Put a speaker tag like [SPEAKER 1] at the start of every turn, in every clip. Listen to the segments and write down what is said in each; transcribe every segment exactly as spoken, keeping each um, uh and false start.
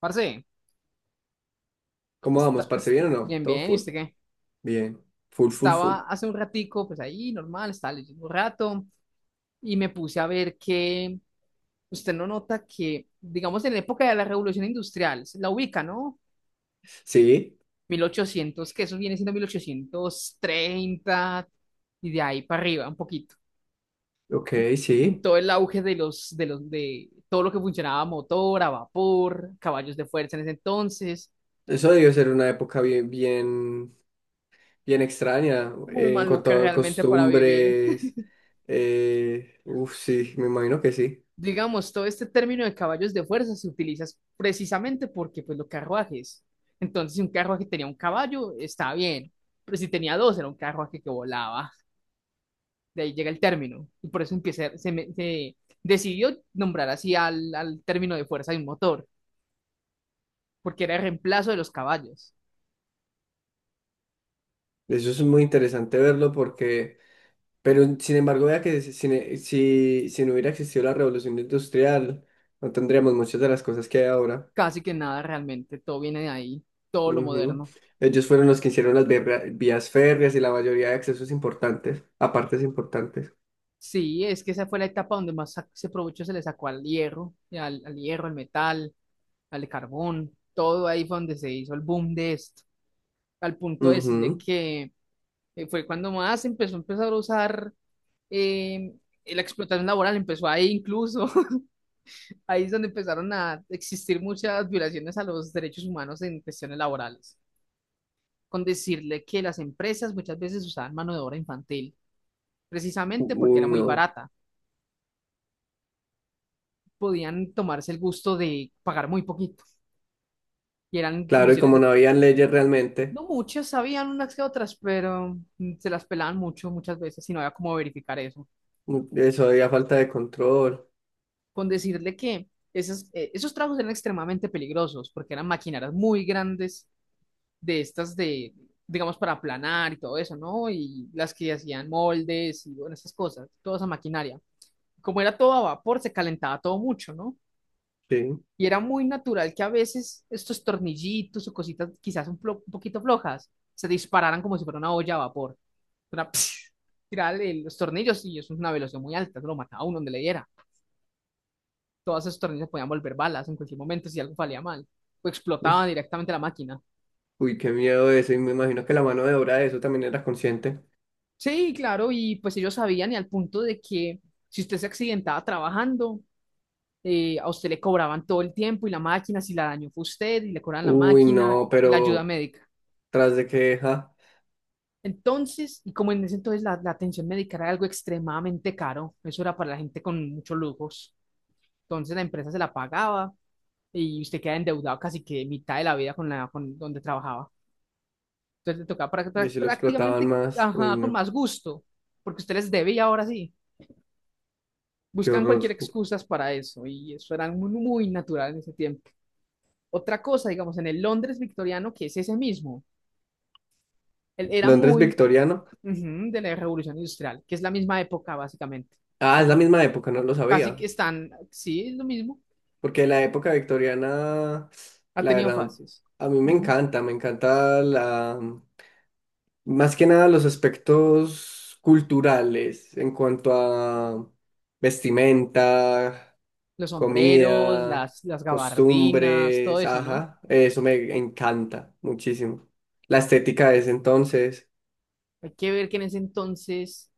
[SPEAKER 1] Parce,
[SPEAKER 2] ¿Cómo vamos,
[SPEAKER 1] está,
[SPEAKER 2] parce?
[SPEAKER 1] es-
[SPEAKER 2] ¿Bien o no?
[SPEAKER 1] bien,
[SPEAKER 2] ¿Todo
[SPEAKER 1] bien, ¿y
[SPEAKER 2] full?
[SPEAKER 1] usted qué?
[SPEAKER 2] Bien. Full, full, full.
[SPEAKER 1] Estaba hace un ratico, pues ahí, normal, estaba leyendo un rato y me puse a ver que usted no nota que, digamos, en la época de la Revolución Industrial, se la ubica, ¿no?
[SPEAKER 2] Sí,
[SPEAKER 1] mil ochocientos, que eso viene siendo mil ochocientos treinta y de ahí para arriba, un poquito. En,
[SPEAKER 2] ok,
[SPEAKER 1] en
[SPEAKER 2] sí.
[SPEAKER 1] todo el auge de los, de los, de todo lo que funcionaba, a motor, a vapor, caballos de fuerza en ese entonces,
[SPEAKER 2] Eso debió ser una época bien, bien, bien extraña
[SPEAKER 1] muy
[SPEAKER 2] eh, en
[SPEAKER 1] maluca
[SPEAKER 2] cuanto a
[SPEAKER 1] realmente para vivir.
[SPEAKER 2] costumbres. Eh, uf, sí, me imagino que sí.
[SPEAKER 1] Digamos, todo este término de caballos de fuerza se utiliza precisamente porque, pues, los carruajes. Entonces, si un carruaje tenía un caballo, está bien, pero si tenía dos, era un carruaje que volaba. De ahí llega el término, y por eso empieza, se, me- se decidió nombrar así al, al término de fuerza de un motor, porque era el reemplazo de los caballos.
[SPEAKER 2] Eso es muy interesante verlo, porque, pero sin embargo, vea que si, si, si si no hubiera existido la Revolución Industrial, no tendríamos muchas de las cosas que hay ahora.
[SPEAKER 1] Casi que nada realmente, todo viene de ahí, todo lo
[SPEAKER 2] Ujú.
[SPEAKER 1] moderno.
[SPEAKER 2] Ellos fueron los que hicieron las vibra- vías férreas y la mayoría de accesos importantes, a partes importantes.
[SPEAKER 1] Sí, es que esa fue la etapa donde más sa- se aprovechó, se le sacó al hierro, y al, al hierro, al metal, al carbón, todo ahí fue donde se hizo el boom de esto, al punto de decirle
[SPEAKER 2] Ujú.
[SPEAKER 1] que eh, fue cuando más empezó a empezar a usar eh, la explotación laboral, empezó ahí incluso, ahí es donde empezaron a existir muchas violaciones a los derechos humanos en cuestiones laborales, con decirle que las empresas muchas veces usaban mano de obra infantil,
[SPEAKER 2] U-
[SPEAKER 1] precisamente porque
[SPEAKER 2] Uy,
[SPEAKER 1] era muy
[SPEAKER 2] no.
[SPEAKER 1] barata, podían tomarse el gusto de pagar muy poquito y eran
[SPEAKER 2] Claro, y
[SPEAKER 1] condiciones
[SPEAKER 2] como
[SPEAKER 1] de.
[SPEAKER 2] no habían leyes realmente,
[SPEAKER 1] No muchas, sabían unas que otras, pero mm, se las pelaban mucho muchas veces y no había cómo verificar eso.
[SPEAKER 2] u- eso había falta de control.
[SPEAKER 1] Con decirle que esas, eh, esos tragos eran extremadamente peligrosos porque eran maquinarias muy grandes de estas de, digamos, para aplanar y todo eso, ¿no? Y las que hacían moldes y bueno, esas cosas, toda esa maquinaria. Como era todo a vapor, se calentaba todo mucho, ¿no?
[SPEAKER 2] Sí.
[SPEAKER 1] Y era muy natural que a veces estos tornillitos o cositas quizás un, plo- un poquito flojas se dispararan como si fuera una olla a vapor. Una tirar el- los tornillos y eso es una velocidad muy alta, eso lo mataba a uno donde le diera. Todos esos tornillos podían volver balas en cualquier momento si algo salía mal o explotaba directamente la máquina.
[SPEAKER 2] Uy, qué miedo eso. Y me imagino que la mano de obra de eso también era consciente.
[SPEAKER 1] Sí, claro, y pues ellos sabían y al punto de que si usted se accidentaba trabajando, eh, a usted le cobraban todo el tiempo y la máquina, si la dañó fue usted y le cobraban la
[SPEAKER 2] Uy,
[SPEAKER 1] máquina
[SPEAKER 2] no,
[SPEAKER 1] y la ayuda
[SPEAKER 2] pero
[SPEAKER 1] médica.
[SPEAKER 2] tras de que, ja,
[SPEAKER 1] Entonces, y como en ese entonces la, la atención médica era algo extremadamente caro, eso era para la gente con muchos lujos, entonces la empresa se la pagaba y usted queda endeudado casi que mitad de la vida con la con donde trabajaba. Entonces le tocaba prá-
[SPEAKER 2] yo
[SPEAKER 1] prá-
[SPEAKER 2] sí lo explotaban
[SPEAKER 1] prácticamente
[SPEAKER 2] más. Uy,
[SPEAKER 1] ajá, con
[SPEAKER 2] no.
[SPEAKER 1] más gusto, porque usted les debe y ahora sí.
[SPEAKER 2] Qué
[SPEAKER 1] Buscan
[SPEAKER 2] horror.
[SPEAKER 1] cualquier excusas para eso y eso era muy, muy natural en ese tiempo. Otra cosa, digamos, en el Londres victoriano, que es ese mismo, él era
[SPEAKER 2] Londres
[SPEAKER 1] muy.
[SPEAKER 2] victoriano.
[SPEAKER 1] Ujú, de la Revolución Industrial, que es la misma época básicamente.
[SPEAKER 2] Ah, es la
[SPEAKER 1] Están,
[SPEAKER 2] misma época, no lo
[SPEAKER 1] casi que
[SPEAKER 2] sabía.
[SPEAKER 1] están, sí, es lo mismo.
[SPEAKER 2] Porque la época victoriana,
[SPEAKER 1] Ha
[SPEAKER 2] la
[SPEAKER 1] tenido
[SPEAKER 2] verdad,
[SPEAKER 1] fases.
[SPEAKER 2] a mí me
[SPEAKER 1] Ujú.
[SPEAKER 2] encanta, me encanta la, más que nada los aspectos culturales en cuanto a vestimenta,
[SPEAKER 1] Los sombreros,
[SPEAKER 2] comida,
[SPEAKER 1] las, las gabardinas, todo
[SPEAKER 2] costumbres,
[SPEAKER 1] eso, ¿no?
[SPEAKER 2] ajá, eso me encanta muchísimo. La estética de ese entonces,
[SPEAKER 1] Hay que ver que en ese entonces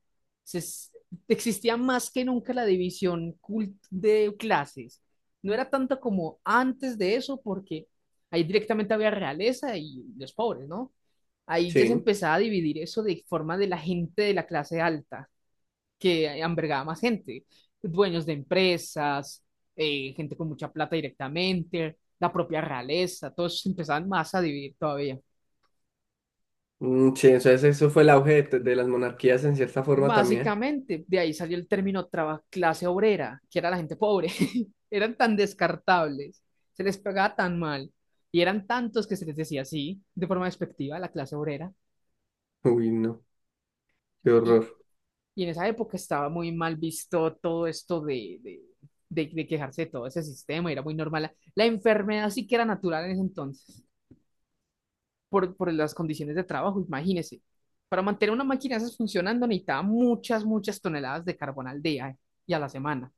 [SPEAKER 1] se es- existía más que nunca la división cult- de clases. No era tanto como antes de eso, porque ahí directamente había realeza y los pobres, ¿no? Ahí ya se
[SPEAKER 2] sí.
[SPEAKER 1] empezaba a dividir eso de forma de la gente de la clase alta, que albergaba más gente, dueños de empresas, eh, gente con mucha plata directamente, la propia realeza, todos se empezaban más a dividir todavía.
[SPEAKER 2] Mm, sí, entonces eso fue el auge de, de las monarquías en cierta forma también.
[SPEAKER 1] Básicamente, de ahí salió el término traba- clase obrera, que era la gente pobre. Eran tan descartables, se les pegaba tan mal, y eran tantos que se les decía así, de forma despectiva, la clase obrera.
[SPEAKER 2] Uy, no, qué
[SPEAKER 1] Y,
[SPEAKER 2] horror.
[SPEAKER 1] y en esa época estaba muy mal visto todo esto de, de, de- de quejarse de todo ese sistema, era muy normal. La enfermedad sí que era natural en ese entonces, por, por las condiciones de trabajo, imagínese. Para mantener una máquina de esas funcionando necesitaba muchas, muchas toneladas de carbón al día y a la semana.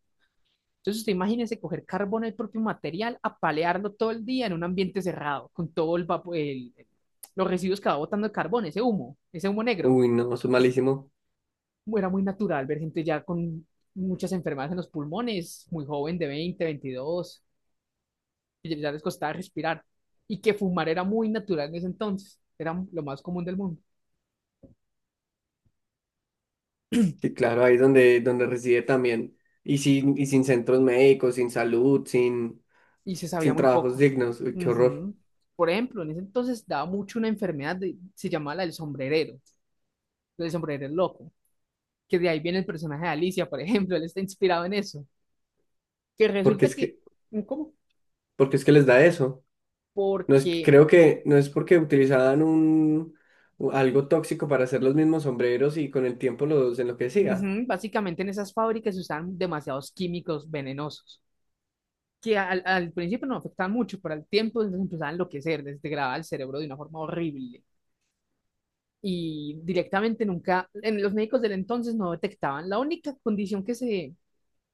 [SPEAKER 1] Entonces, usted imagínese coger carbón, el propio material, apalearlo todo el día en un ambiente cerrado, con todo el, vapo- el- el- los residuos que va botando el carbón, ese humo, ese humo negro.
[SPEAKER 2] Uy, no, eso es malísimo.
[SPEAKER 1] Era muy natural ver gente ya con muchas enfermedades en los pulmones, muy joven, de veinte, veintidós, que ya les costaba respirar. Y que fumar era muy natural en ese entonces, era lo más común del mundo.
[SPEAKER 2] Sí, claro, ahí es donde, donde reside también. Y sin, y sin centros médicos, sin salud, sin,
[SPEAKER 1] Y se sabía
[SPEAKER 2] sin
[SPEAKER 1] muy
[SPEAKER 2] trabajos
[SPEAKER 1] poco.
[SPEAKER 2] dignos. Uy, qué horror.
[SPEAKER 1] Ujú. Por ejemplo, en ese entonces daba mucho una enfermedad, de- se llamaba la del sombrerero, la del sombrerero loco que de ahí viene el personaje de Alicia, por ejemplo, él está inspirado en eso. Que
[SPEAKER 2] Porque
[SPEAKER 1] resulta
[SPEAKER 2] es
[SPEAKER 1] que,
[SPEAKER 2] que,
[SPEAKER 1] ¿cómo?
[SPEAKER 2] porque es que les da eso. No es,
[SPEAKER 1] Porque
[SPEAKER 2] creo que no es porque utilizaban un, u- algo tóxico para hacer los mismos sombreros y con el tiempo los enloquecía.
[SPEAKER 1] ujú, básicamente en esas fábricas se usaban demasiados químicos venenosos, que al, al principio no afectaban mucho, pero al tiempo se empezaban a enloquecer, desgradaba el cerebro de una forma horrible. Y directamente nunca, en los médicos del entonces no detectaban. La única condición que se,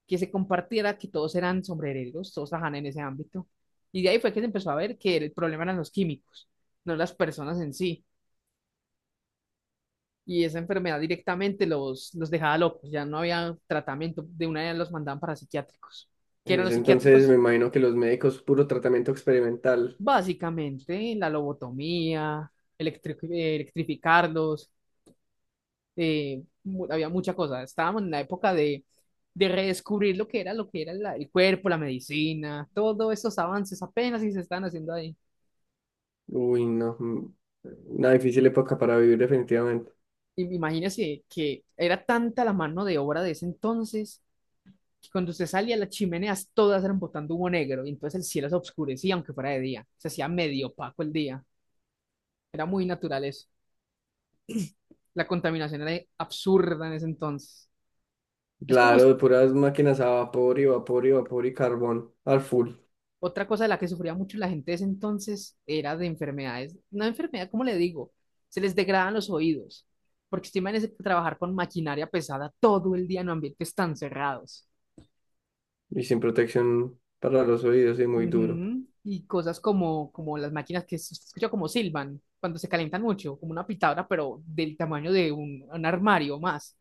[SPEAKER 1] que se compartiera que todos eran sombrereros, todos trabajaban en ese ámbito. Y de ahí fue que se empezó a ver que el problema eran los químicos, no las personas en sí. Y esa enfermedad directamente los, los dejaba locos, ya no había tratamiento, de una vez los mandaban para psiquiátricos. ¿Qué
[SPEAKER 2] En
[SPEAKER 1] eran los
[SPEAKER 2] ese entonces me
[SPEAKER 1] psiquiátricos?
[SPEAKER 2] imagino que los médicos, puro tratamiento experimental.
[SPEAKER 1] Básicamente la lobotomía, electri- eh, electrificarlos, eh, mu- había mucha cosa. Estábamos en la época de, de redescubrir lo que era, lo que era la- el cuerpo, la medicina, todos esos avances apenas si se están haciendo ahí.
[SPEAKER 2] Uy, no. Mm, una difícil época para vivir definitivamente.
[SPEAKER 1] Y imagínese que era tanta la mano de obra de ese entonces cuando usted salía, las chimeneas todas eran botando humo negro, y entonces el cielo se oscurecía, aunque fuera de día. Se hacía medio opaco el día. Era muy natural eso. La contaminación era absurda en ese entonces. Es como
[SPEAKER 2] Claro,
[SPEAKER 1] est-
[SPEAKER 2] de puras máquinas a vapor y vapor y vapor y carbón al full.
[SPEAKER 1] Otra cosa de la que sufría mucho la gente de ese entonces era de enfermedades. Una enfermedad, ¿cómo le digo? Se les degradan los oídos, porque usted imagínese trabajar con maquinaria pesada todo el día en ambientes tan cerrados.
[SPEAKER 2] Y sin protección para los oídos, es muy duro.
[SPEAKER 1] Ujú, y cosas como, como las máquinas que se escucha como silban cuando se calientan mucho, como una pitadora, pero del tamaño de un, un armario más.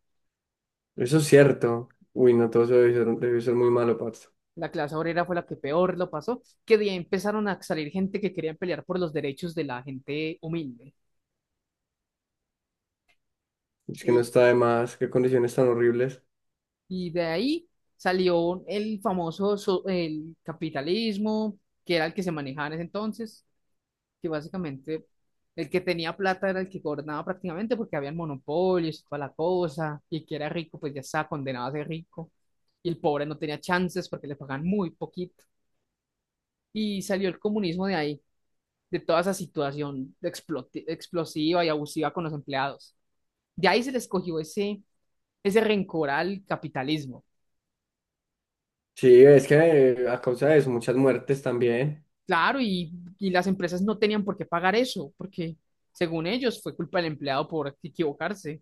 [SPEAKER 2] Eso es cierto. Uy, no, todo eso debe ser, debe ser muy malo, parce.
[SPEAKER 1] La clase obrera fue la que peor lo pasó, que de ahí empezaron a salir gente que querían pelear por los derechos de la gente humilde.
[SPEAKER 2] Es que no
[SPEAKER 1] Y,
[SPEAKER 2] está de más, qué condiciones tan horribles.
[SPEAKER 1] y de ahí salió el famoso so- el capitalismo, que era el que se manejaba en ese entonces que básicamente el que tenía plata era el que gobernaba prácticamente porque había monopolios y toda la cosa, y el que era rico pues ya estaba condenado a ser rico, y el pobre no tenía chances porque le pagaban muy poquito. Y salió el comunismo de ahí, de toda esa situación de exploti- explosiva y abusiva con los empleados. De ahí se les cogió ese, ese rencor al capitalismo.
[SPEAKER 2] Sí, es que eh, a causa de eso, muchas muertes también.
[SPEAKER 1] Claro, y, y las empresas no tenían por qué pagar eso, porque según ellos fue culpa del empleado por equivocarse.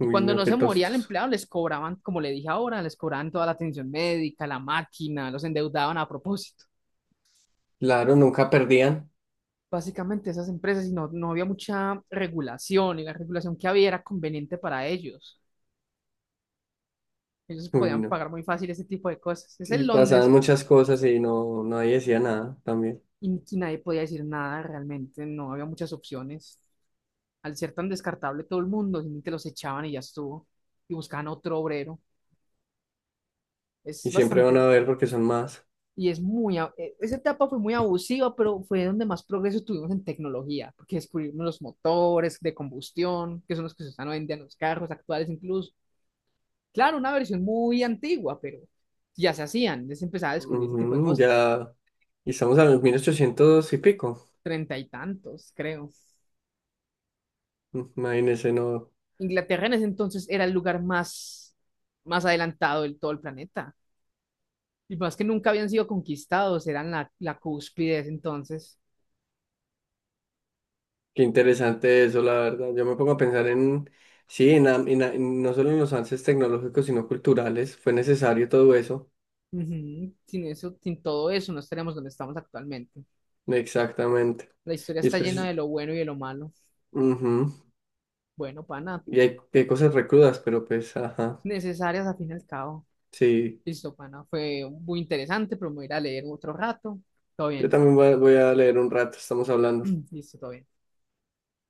[SPEAKER 1] Y cuando
[SPEAKER 2] no,
[SPEAKER 1] no
[SPEAKER 2] qué
[SPEAKER 1] se moría el
[SPEAKER 2] tostos.
[SPEAKER 1] empleado, les cobraban, como le dije ahora, les cobraban toda la atención médica, la máquina, los endeudaban a propósito.
[SPEAKER 2] Claro, nunca perdían.
[SPEAKER 1] Básicamente esas empresas, y no, no había mucha regulación, y la regulación que había era conveniente para ellos. Ellos
[SPEAKER 2] Uy,
[SPEAKER 1] podían
[SPEAKER 2] no.
[SPEAKER 1] pagar muy fácil ese tipo de cosas. Es
[SPEAKER 2] Y
[SPEAKER 1] en
[SPEAKER 2] pasaban
[SPEAKER 1] Londres.
[SPEAKER 2] muchas cosas y no, nadie decía nada también.
[SPEAKER 1] Y y nadie podía decir nada realmente, no había muchas opciones. Al ser tan descartable todo el mundo, simplemente los echaban y ya estuvo. Y buscaban otro obrero. Es
[SPEAKER 2] Y siempre van a
[SPEAKER 1] bastante.
[SPEAKER 2] ver porque son más.
[SPEAKER 1] Y es muy, a- eh, esa etapa fue muy abusiva, pero fue donde más progreso tuvimos en tecnología, porque descubrimos los motores de combustión, que son los que se usan hoy en día en los carros actuales incluso. Claro, una versión muy antigua, pero ya se hacían, ya se empezaba a descubrir ese tipo de
[SPEAKER 2] Ujú,
[SPEAKER 1] cosas.
[SPEAKER 2] ya, y estamos a los mil ochocientos y pico.
[SPEAKER 1] Treinta y tantos, creo.
[SPEAKER 2] Imagínense, no.
[SPEAKER 1] Inglaterra en ese entonces era el lugar más, más adelantado del todo el planeta. Y más que nunca habían sido conquistados, eran la, la cúspide de ese entonces.
[SPEAKER 2] Qué interesante eso, la verdad. Yo me pongo a pensar en, sí, en, am- en a- en no solo en los avances tecnológicos, sino culturales. Fue necesario todo eso.
[SPEAKER 1] Ujú, sin eso, sin todo eso, no estaríamos donde estamos actualmente.
[SPEAKER 2] Exactamente.
[SPEAKER 1] La historia
[SPEAKER 2] Y es
[SPEAKER 1] está llena
[SPEAKER 2] precis-
[SPEAKER 1] de lo bueno y de lo malo.
[SPEAKER 2] Ujú.
[SPEAKER 1] Bueno, pana,
[SPEAKER 2] Y hay, hay cosas recrudas, pero pues, ajá.
[SPEAKER 1] necesarias al fin y al cabo.
[SPEAKER 2] Sí.
[SPEAKER 1] Listo, pana, fue muy interesante, pero me voy a ir a leer otro rato. Todo
[SPEAKER 2] Yo
[SPEAKER 1] bien.
[SPEAKER 2] también voy a voy a leer un rato, estamos hablando.
[SPEAKER 1] Listo, todo bien.